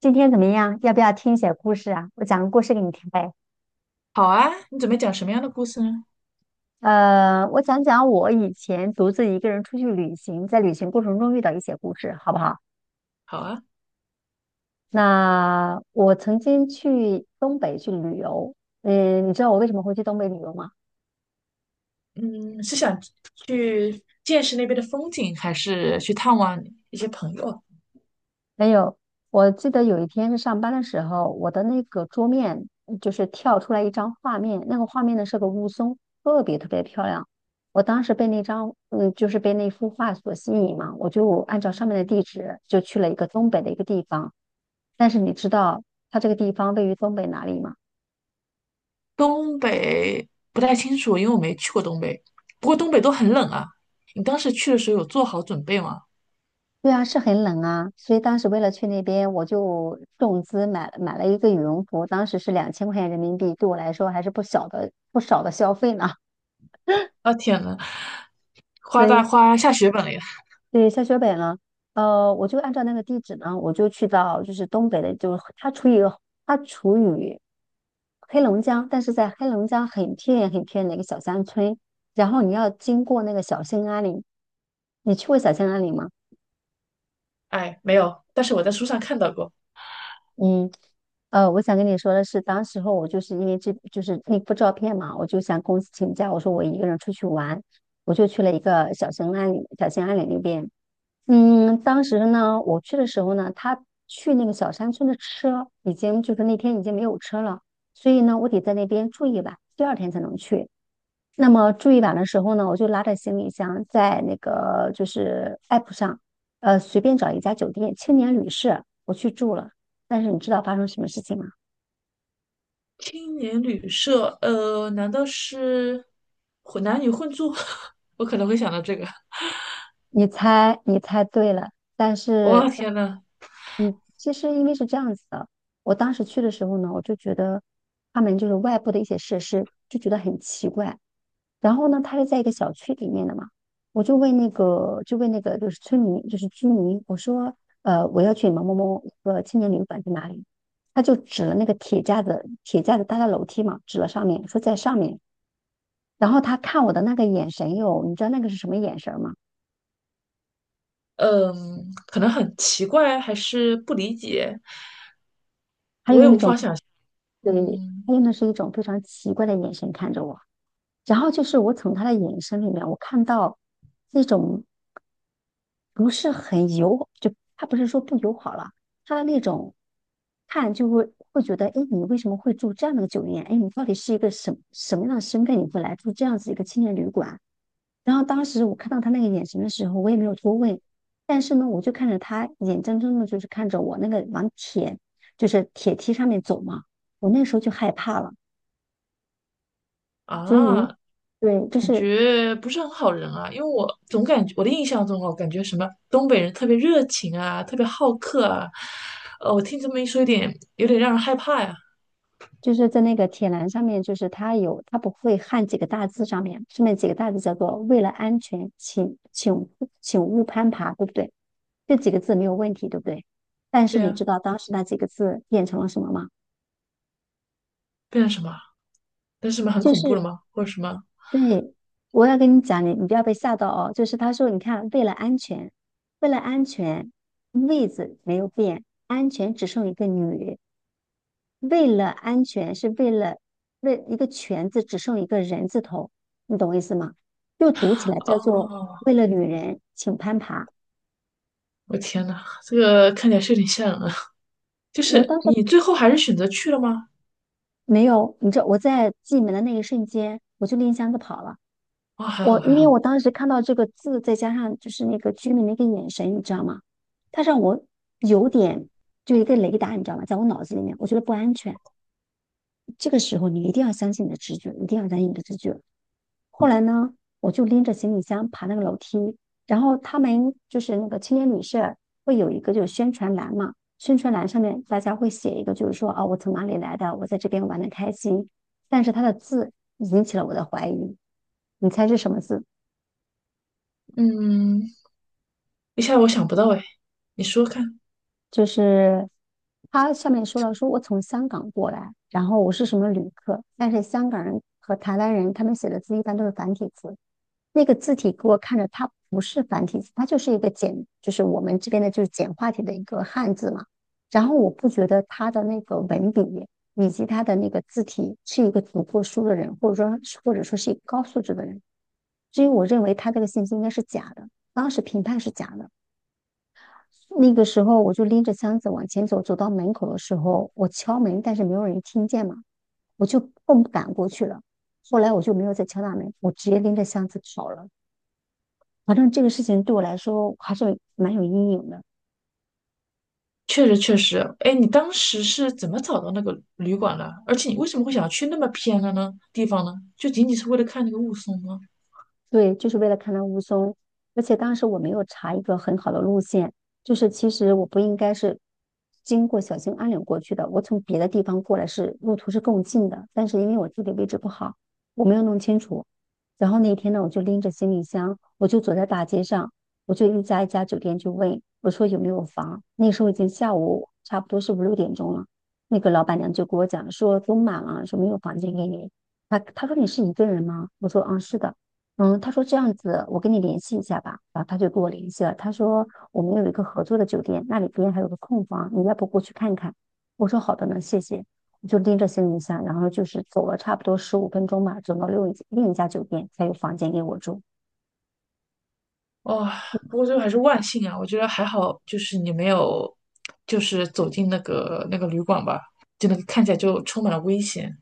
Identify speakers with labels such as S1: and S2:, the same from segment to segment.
S1: 今天怎么样？要不要听一些故事啊？我讲个故事给你听呗。
S2: 好啊，你准备讲什么样的故事呢？
S1: 我讲讲我以前独自一个人出去旅行，在旅行过程中遇到一些故事，好不好？
S2: 好啊，
S1: 那我曾经去东北去旅游。你知道我为什么会去东北旅游吗？
S2: 嗯，是想去见识那边的风景，还是去探望一些朋友？
S1: 没有。我记得有一天是上班的时候，我的那个桌面就是跳出来一张画面，那个画面呢是个雾凇，特别特别漂亮。我当时被那张，就是被那幅画所吸引嘛，我就按照上面的地址就去了一个东北的一个地方。但是你知道它这个地方位于东北哪里吗？
S2: 东北不太清楚，因为我没去过东北。不过东北都很冷啊。你当时去的时候有做好准备吗？
S1: 对啊，是很冷啊，所以当时为了去那边，我就重资买了一个羽绒服，当时是2000块钱人民币，对我来说还是不小的不少的消费呢。
S2: 啊，天呐，花
S1: 所
S2: 大
S1: 以
S2: 花下血本了呀！
S1: 对，下雪北呢，我就按照那个地址呢，我就去到就是东北的，就是它处于黑龙江，但是在黑龙江很偏远很偏远的一个小山村，然后你要经过那个小兴安岭，你去过小兴安岭吗？
S2: 哎，没有，但是我在书上看到过
S1: 嗯，我想跟你说的是，当时候我就是因为这就是那幅照片嘛，我就向公司请假，我说我一个人出去玩，我就去了一个小兴安岭，小兴安岭那边。当时呢，我去的时候呢，他去那个小山村的车已经就是那天已经没有车了，所以呢，我得在那边住一晚，第二天才能去。那么住一晚的时候呢，我就拉着行李箱在那个就是 app 上，随便找一家酒店青年旅社，我去住了。但是你知道发生什么事情吗？
S2: 青年旅社，难道是混男女混住？我可能会想到这个。
S1: 你猜，你猜对了，但
S2: 哇，
S1: 是，
S2: 天呐，
S1: 你其实因为是这样子的，我当时去的时候呢，我就觉得他们就是外部的一些设施就觉得很奇怪。然后呢，他是在一个小区里面的嘛，我就问那个，就问那个就是村民，就是居民，我说，我要去某某某一个青年旅馆在哪里？他就指了那个铁架子，铁架子搭在楼梯嘛，指了上面，说在上面。然后他看我的那个眼神哟，你知道那个是什么眼神吗？
S2: 嗯，可能很奇怪，还是不理解，
S1: 还有一种。对，他
S2: 嗯
S1: 用的是一种非常奇怪的眼神看着我，然后就是我从他的眼神里面，我看到那种不是很友，就他不是说不友好了，他的那种看就会觉得，哎，你为什么会住这样的酒店？哎，你到底是一个什么样的身份，你会来住这样子一个青年旅馆？然后当时我看到他那个眼神的时候，我也没有多问，但是呢，我就看着他眼睁睁的，就是看着我那个往铁，就是铁梯上面走嘛，我那时候就害怕了。所
S2: 啊，
S1: 以，对，就
S2: 感
S1: 是
S2: 觉不是很好人啊，因为我总感觉我的印象中哦，感觉什么东北人特别热情啊，特别好客啊，我听这么一说，有点让人害怕呀，
S1: 就是在那个铁栏上面，就是它有它不会焊几个大字上面，上面几个大字叫做"为了安全，请勿攀爬"，对不对？这几个字没有问题，对不对？但是
S2: 对
S1: 你
S2: 呀，
S1: 知道当时那几个字变成了什么吗？
S2: 变成什么？变成什么很
S1: 就
S2: 恐怖了
S1: 是
S2: 吗？或者什么？
S1: 对，我要跟你讲，你不要被吓到哦。就是他说，你看，为了安全，为了安全，"位子没有变，安全只剩一个"女"。为了安全，是为了为一个全字只剩一个人字头，你懂我意思吗？又读起来叫做
S2: 哦，
S1: 为了女人，请攀爬。
S2: 我天呐，这个看起来是有点吓人啊，就
S1: 我
S2: 是
S1: 当时
S2: 你最后还是选择去了吗？
S1: 没有，你知道我在进门的那一瞬间，我就拎箱子跑了。
S2: 啊、还
S1: 我
S2: 好还
S1: 因为
S2: 好，
S1: 我当时看到这个字，再加上就是那个居民的一个眼神，你知道吗？他让我有点就一个雷达，你知道吗？在我脑子里面，我觉得不安全。这个时候你一定要相信你的直觉，一定要相信你的直觉。后来呢，我就拎着行李箱爬那个楼梯，然后他们就是那个青年旅社会有一个就是宣传栏嘛，宣传栏上面大家会写一个就是说啊、我从哪里来的，我在这边玩的开心，但是他的字引起了我的怀疑，你猜是什么字？
S2: 嗯，一下我想不到哎，你说看。
S1: 就是他上面说了，说我从香港过来，然后我是什么旅客，但是香港人和台湾人他们写的字一般都是繁体字，那个字体给我看着它不是繁体字，它就是一个简，就是我们这边的就是简化体的一个汉字嘛。然后我不觉得他的那个文笔以及他的那个字体是一个读过书的人，或者说是一个高素质的人，所以我认为他这个信息应该是假的，当时评判是假的。那个时候我就拎着箱子往前走，走到门口的时候，我敲门，但是没有人听见嘛，我就更不敢过去了。后来我就没有再敲大门，我直接拎着箱子跑了。反正这个事情对我来说还是蛮有阴影的。
S2: 确实确实，哎，你当时是怎么找到那个旅馆的？而且你为什么会想要去那么偏的呢地方呢？就仅仅是为了看那个雾凇吗？
S1: 对，就是为了看到雾凇，而且当时我没有查一个很好的路线，就是其实我不应该是经过小兴安岭过去的，我从别的地方过来是路途是更近的，但是因为我地理位置不好，我没有弄清楚。然后那天呢，我就拎着行李箱，我就走在大街上，我就一家一家酒店去问，我说有没有房？那时候已经下午差不多是5、6点钟了，那个老板娘就跟我讲说都满了，说没有房间给你。她说你是一个人吗？我说嗯是的。嗯，他说这样子，我跟你联系一下吧。然后他就跟我联系了，他说我们有一个合作的酒店，那里边还有个空房，你要不过去看看？我说好的呢，谢谢。我就拎着行李箱，然后就是走了差不多15分钟吧，走到另一家酒店才有房间给我住，
S2: 哦，不过最后还是万幸啊，我觉得还好，就是你没有，就是走进那个那个旅馆吧，就那个看起来就充满了危险。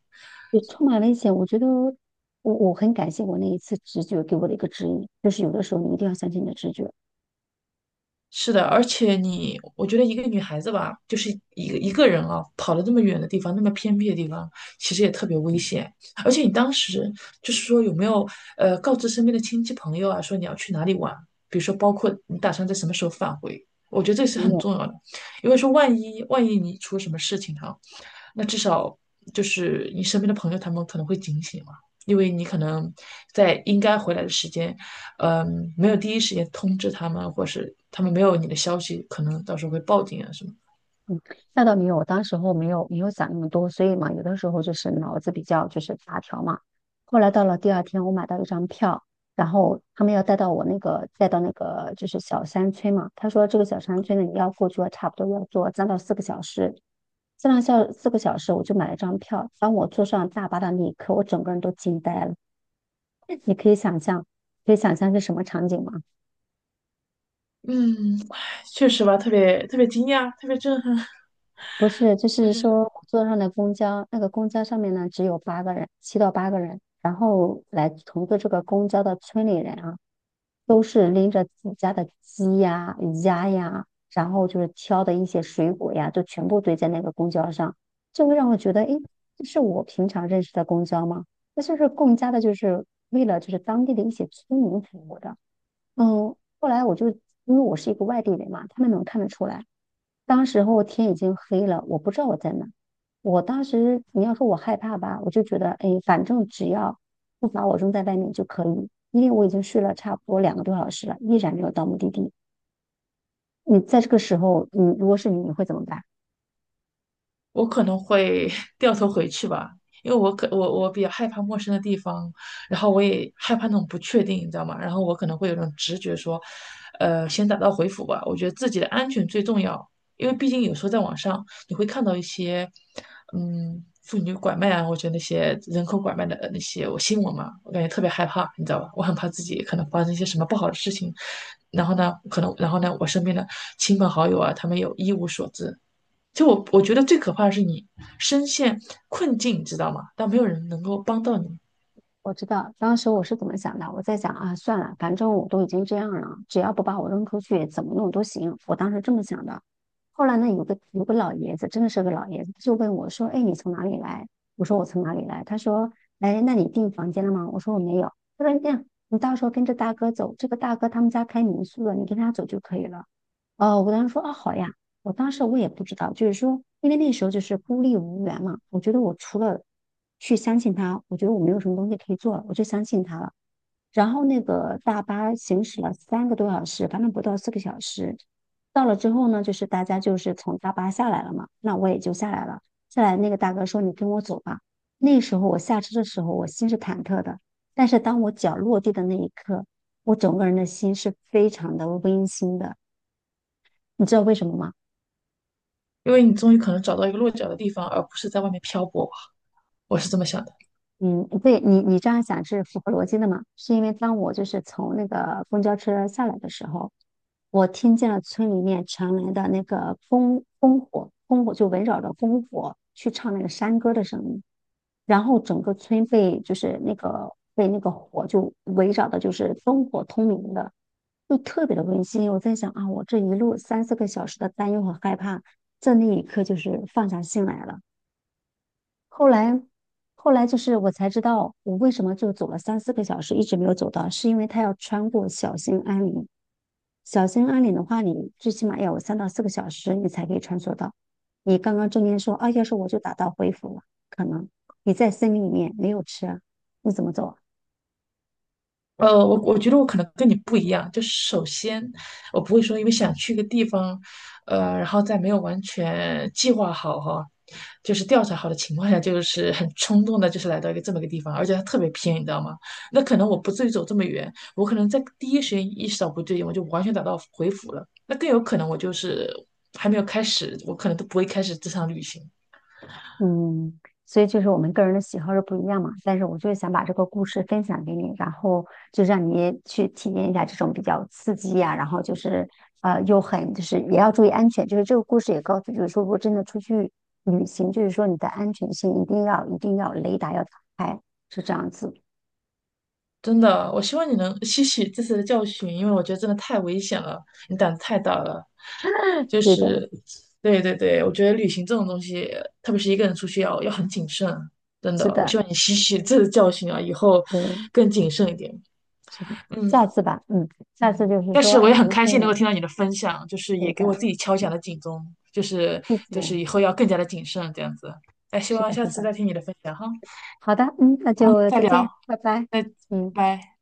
S1: 也充满了一些，我觉得我很感谢我那一次直觉给我的一个指引，就是有的时候你一定要相信你的直觉。
S2: 是的，而且你，我觉得一个女孩子吧，就是一个一个人啊，跑了那么远的地方，那么偏僻的地方，其实也特别危险。而且你当时就是说有没有告知身边的亲戚朋友啊，说你要去哪里玩，比如说包括你打算在什么时候返回，我觉得这是
S1: 没
S2: 很
S1: 有。
S2: 重要的，因为说万一万一你出了什么事情哈、那至少就是你身边的朋友他们可能会警醒嘛，因为你可能在应该回来的时间没有第一时间通知他们，或是他们没有你的消息，可能到时候会报警啊什么。
S1: 那倒没有，我当时候没有想那么多，所以嘛，有的时候就是脑子比较就是大条嘛。后来到了第二天，我买到一张票，然后他们要带到我那个带到那个就是小山村嘛。他说这个小山村呢，你要过去，差不多要坐3到4个小时。三到小四个小时，我就买了张票。当我坐上大巴的那一刻，我整个人都惊呆了。你可以想象，可以想象是什么场景吗？
S2: 嗯，唉确实吧，特别特别惊讶，特别震撼。
S1: 不是，就
S2: 我
S1: 是
S2: 觉得
S1: 说我坐上的公交，那个公交上面呢只有八个人，7到8个人，然后来乘坐这个公交的村里人啊，都是拎着自己家的鸡呀、鸭呀，然后就是挑的一些水果呀，就全部堆在那个公交上，就会让我觉得，诶，这是我平常认识的公交吗？那就是更加的，就是为了就是当地的一些村民服务的。嗯，后来我就因为我是一个外地人嘛，他们能看得出来。当时候天已经黑了，我不知道我在哪。我当时你要说我害怕吧，我就觉得，哎，反正只要不把我扔在外面就可以，因为我已经睡了差不多两个多小时了，依然没有到目的地。你在这个时候，你如果是你，你会怎么办？
S2: 我可能会 掉头回去吧，因为我可我我比较害怕陌生的地方，然后我也害怕那种不确定，你知道吗？然后我可能会有种直觉说，先打道回府吧。我觉得自己的安全最重要，因为毕竟有时候在网上你会看到一些，妇女拐卖啊，我觉得那些人口拐卖的那些我新闻嘛，我感觉特别害怕，你知道吧？我很怕自己可能发生一些什么不好的事情，然后呢，可能然后呢，我身边的亲朋好友啊，他们有一无所知。就我觉得最可怕的是你深陷困境，你知道吗？但没有人能够帮到你，
S1: 我知道当时我是怎么想的，我在想啊，算了，反正我都已经这样了，只要不把我扔出去，怎么弄都行。我当时这么想的。后来呢，有个老爷子，真的是个老爷子，就问我说：“哎，你从哪里来？”我说：“我从哪里来？”他说：“哎，那你订房间了吗？”我说：“我没有。”他说：“这样，你到时候跟着大哥走，这个大哥他们家开民宿的，你跟他走就可以了。”我当时说啊，好呀，我当时我也不知道，就是说，因为那时候就是孤立无援嘛，我觉得我除了去相信他，我觉得我没有什么东西可以做了，我就相信他了。然后那个大巴行驶了三个多小时，反正不到四个小时，到了之后呢，就是大家就是从大巴下来了嘛，那我也就下来了。下来那个大哥说：“你跟我走吧。”那时候我下车的时候，我心是忐忑的，但是当我脚落地的那一刻，我整个人的心是非常的温馨的。你知道为什么吗？
S2: 因为你终于可能找到一个落脚的地方，而不是在外面漂泊吧。我是这么想的。
S1: 嗯，对你，你这样想是符合逻辑的嘛？是因为当我就是从那个公交车下来的时候，我听见了村里面传来的那个烽烽火，烽火就围绕着烽火去唱那个山歌的声音，然后整个村被就是那个被那个火就围绕的，就是灯火通明的，就特别的温馨。我在想啊，我这一路三四个小时的担忧和害怕，在那一刻就是放下心来了。后来，后来就是我才知道，我为什么就走了三四个小时，一直没有走到，是因为他要穿过小兴安岭。小兴安岭的话，你最起码要有三到四个小时，你才可以穿梭到。你刚刚中间说啊，要是我就打道回府了，可能你在森林里面没有吃啊你怎么走啊？
S2: 我觉得我可能跟你不一样，就是首先我不会说因为想去一个地方，然后在没有完全计划好哈，就是调查好的情况下，就是很冲动的，就是来到一个这么一个地方，而且它特别偏，你知道吗？那可能我不至于走这么远，我可能在第一时间意识到不对劲，我就完全打道回府了。那更有可能我就是还没有开始，我可能都不会开始这场旅行。
S1: 嗯，所以就是我们个人的喜好是不一样嘛，但是我就是想把这个故事分享给你，然后就让你去体验一下这种比较刺激呀、然后就是又很就是也要注意安全，就是这个故事也告诉，就是说如果真的出去旅行，就是说你的安全性一定要雷达要打开，是这样子。
S2: 真的，我希望你能吸取这次的教训，因为我觉得真的太危险了，你胆子太大了。就
S1: 对的，
S2: 是，对对对，我觉得旅行这种东西，特别是一个人出去要很谨慎，真
S1: 是
S2: 的。我
S1: 的，
S2: 希望你吸取这次教训啊，以后
S1: 对，
S2: 更谨慎一点。
S1: 是的，
S2: 嗯
S1: 下次吧，嗯，下次
S2: 嗯，
S1: 就是
S2: 但
S1: 说，
S2: 是我
S1: 哎，
S2: 也
S1: 什
S2: 很
S1: 么时
S2: 开心能
S1: 候？
S2: 够听到你的分享，就是
S1: 对
S2: 也给我自
S1: 的，
S2: 己敲响了警钟，就是
S1: 谢
S2: 就
S1: 谢，
S2: 是以后要更加的谨慎这样子。那希
S1: 是
S2: 望
S1: 的，
S2: 下
S1: 是
S2: 次
S1: 的，
S2: 再听你的分享哈。
S1: 好的，嗯，那
S2: 好，
S1: 就
S2: 再
S1: 再
S2: 聊，
S1: 见，拜拜，
S2: 再拜
S1: 嗯。
S2: 拜。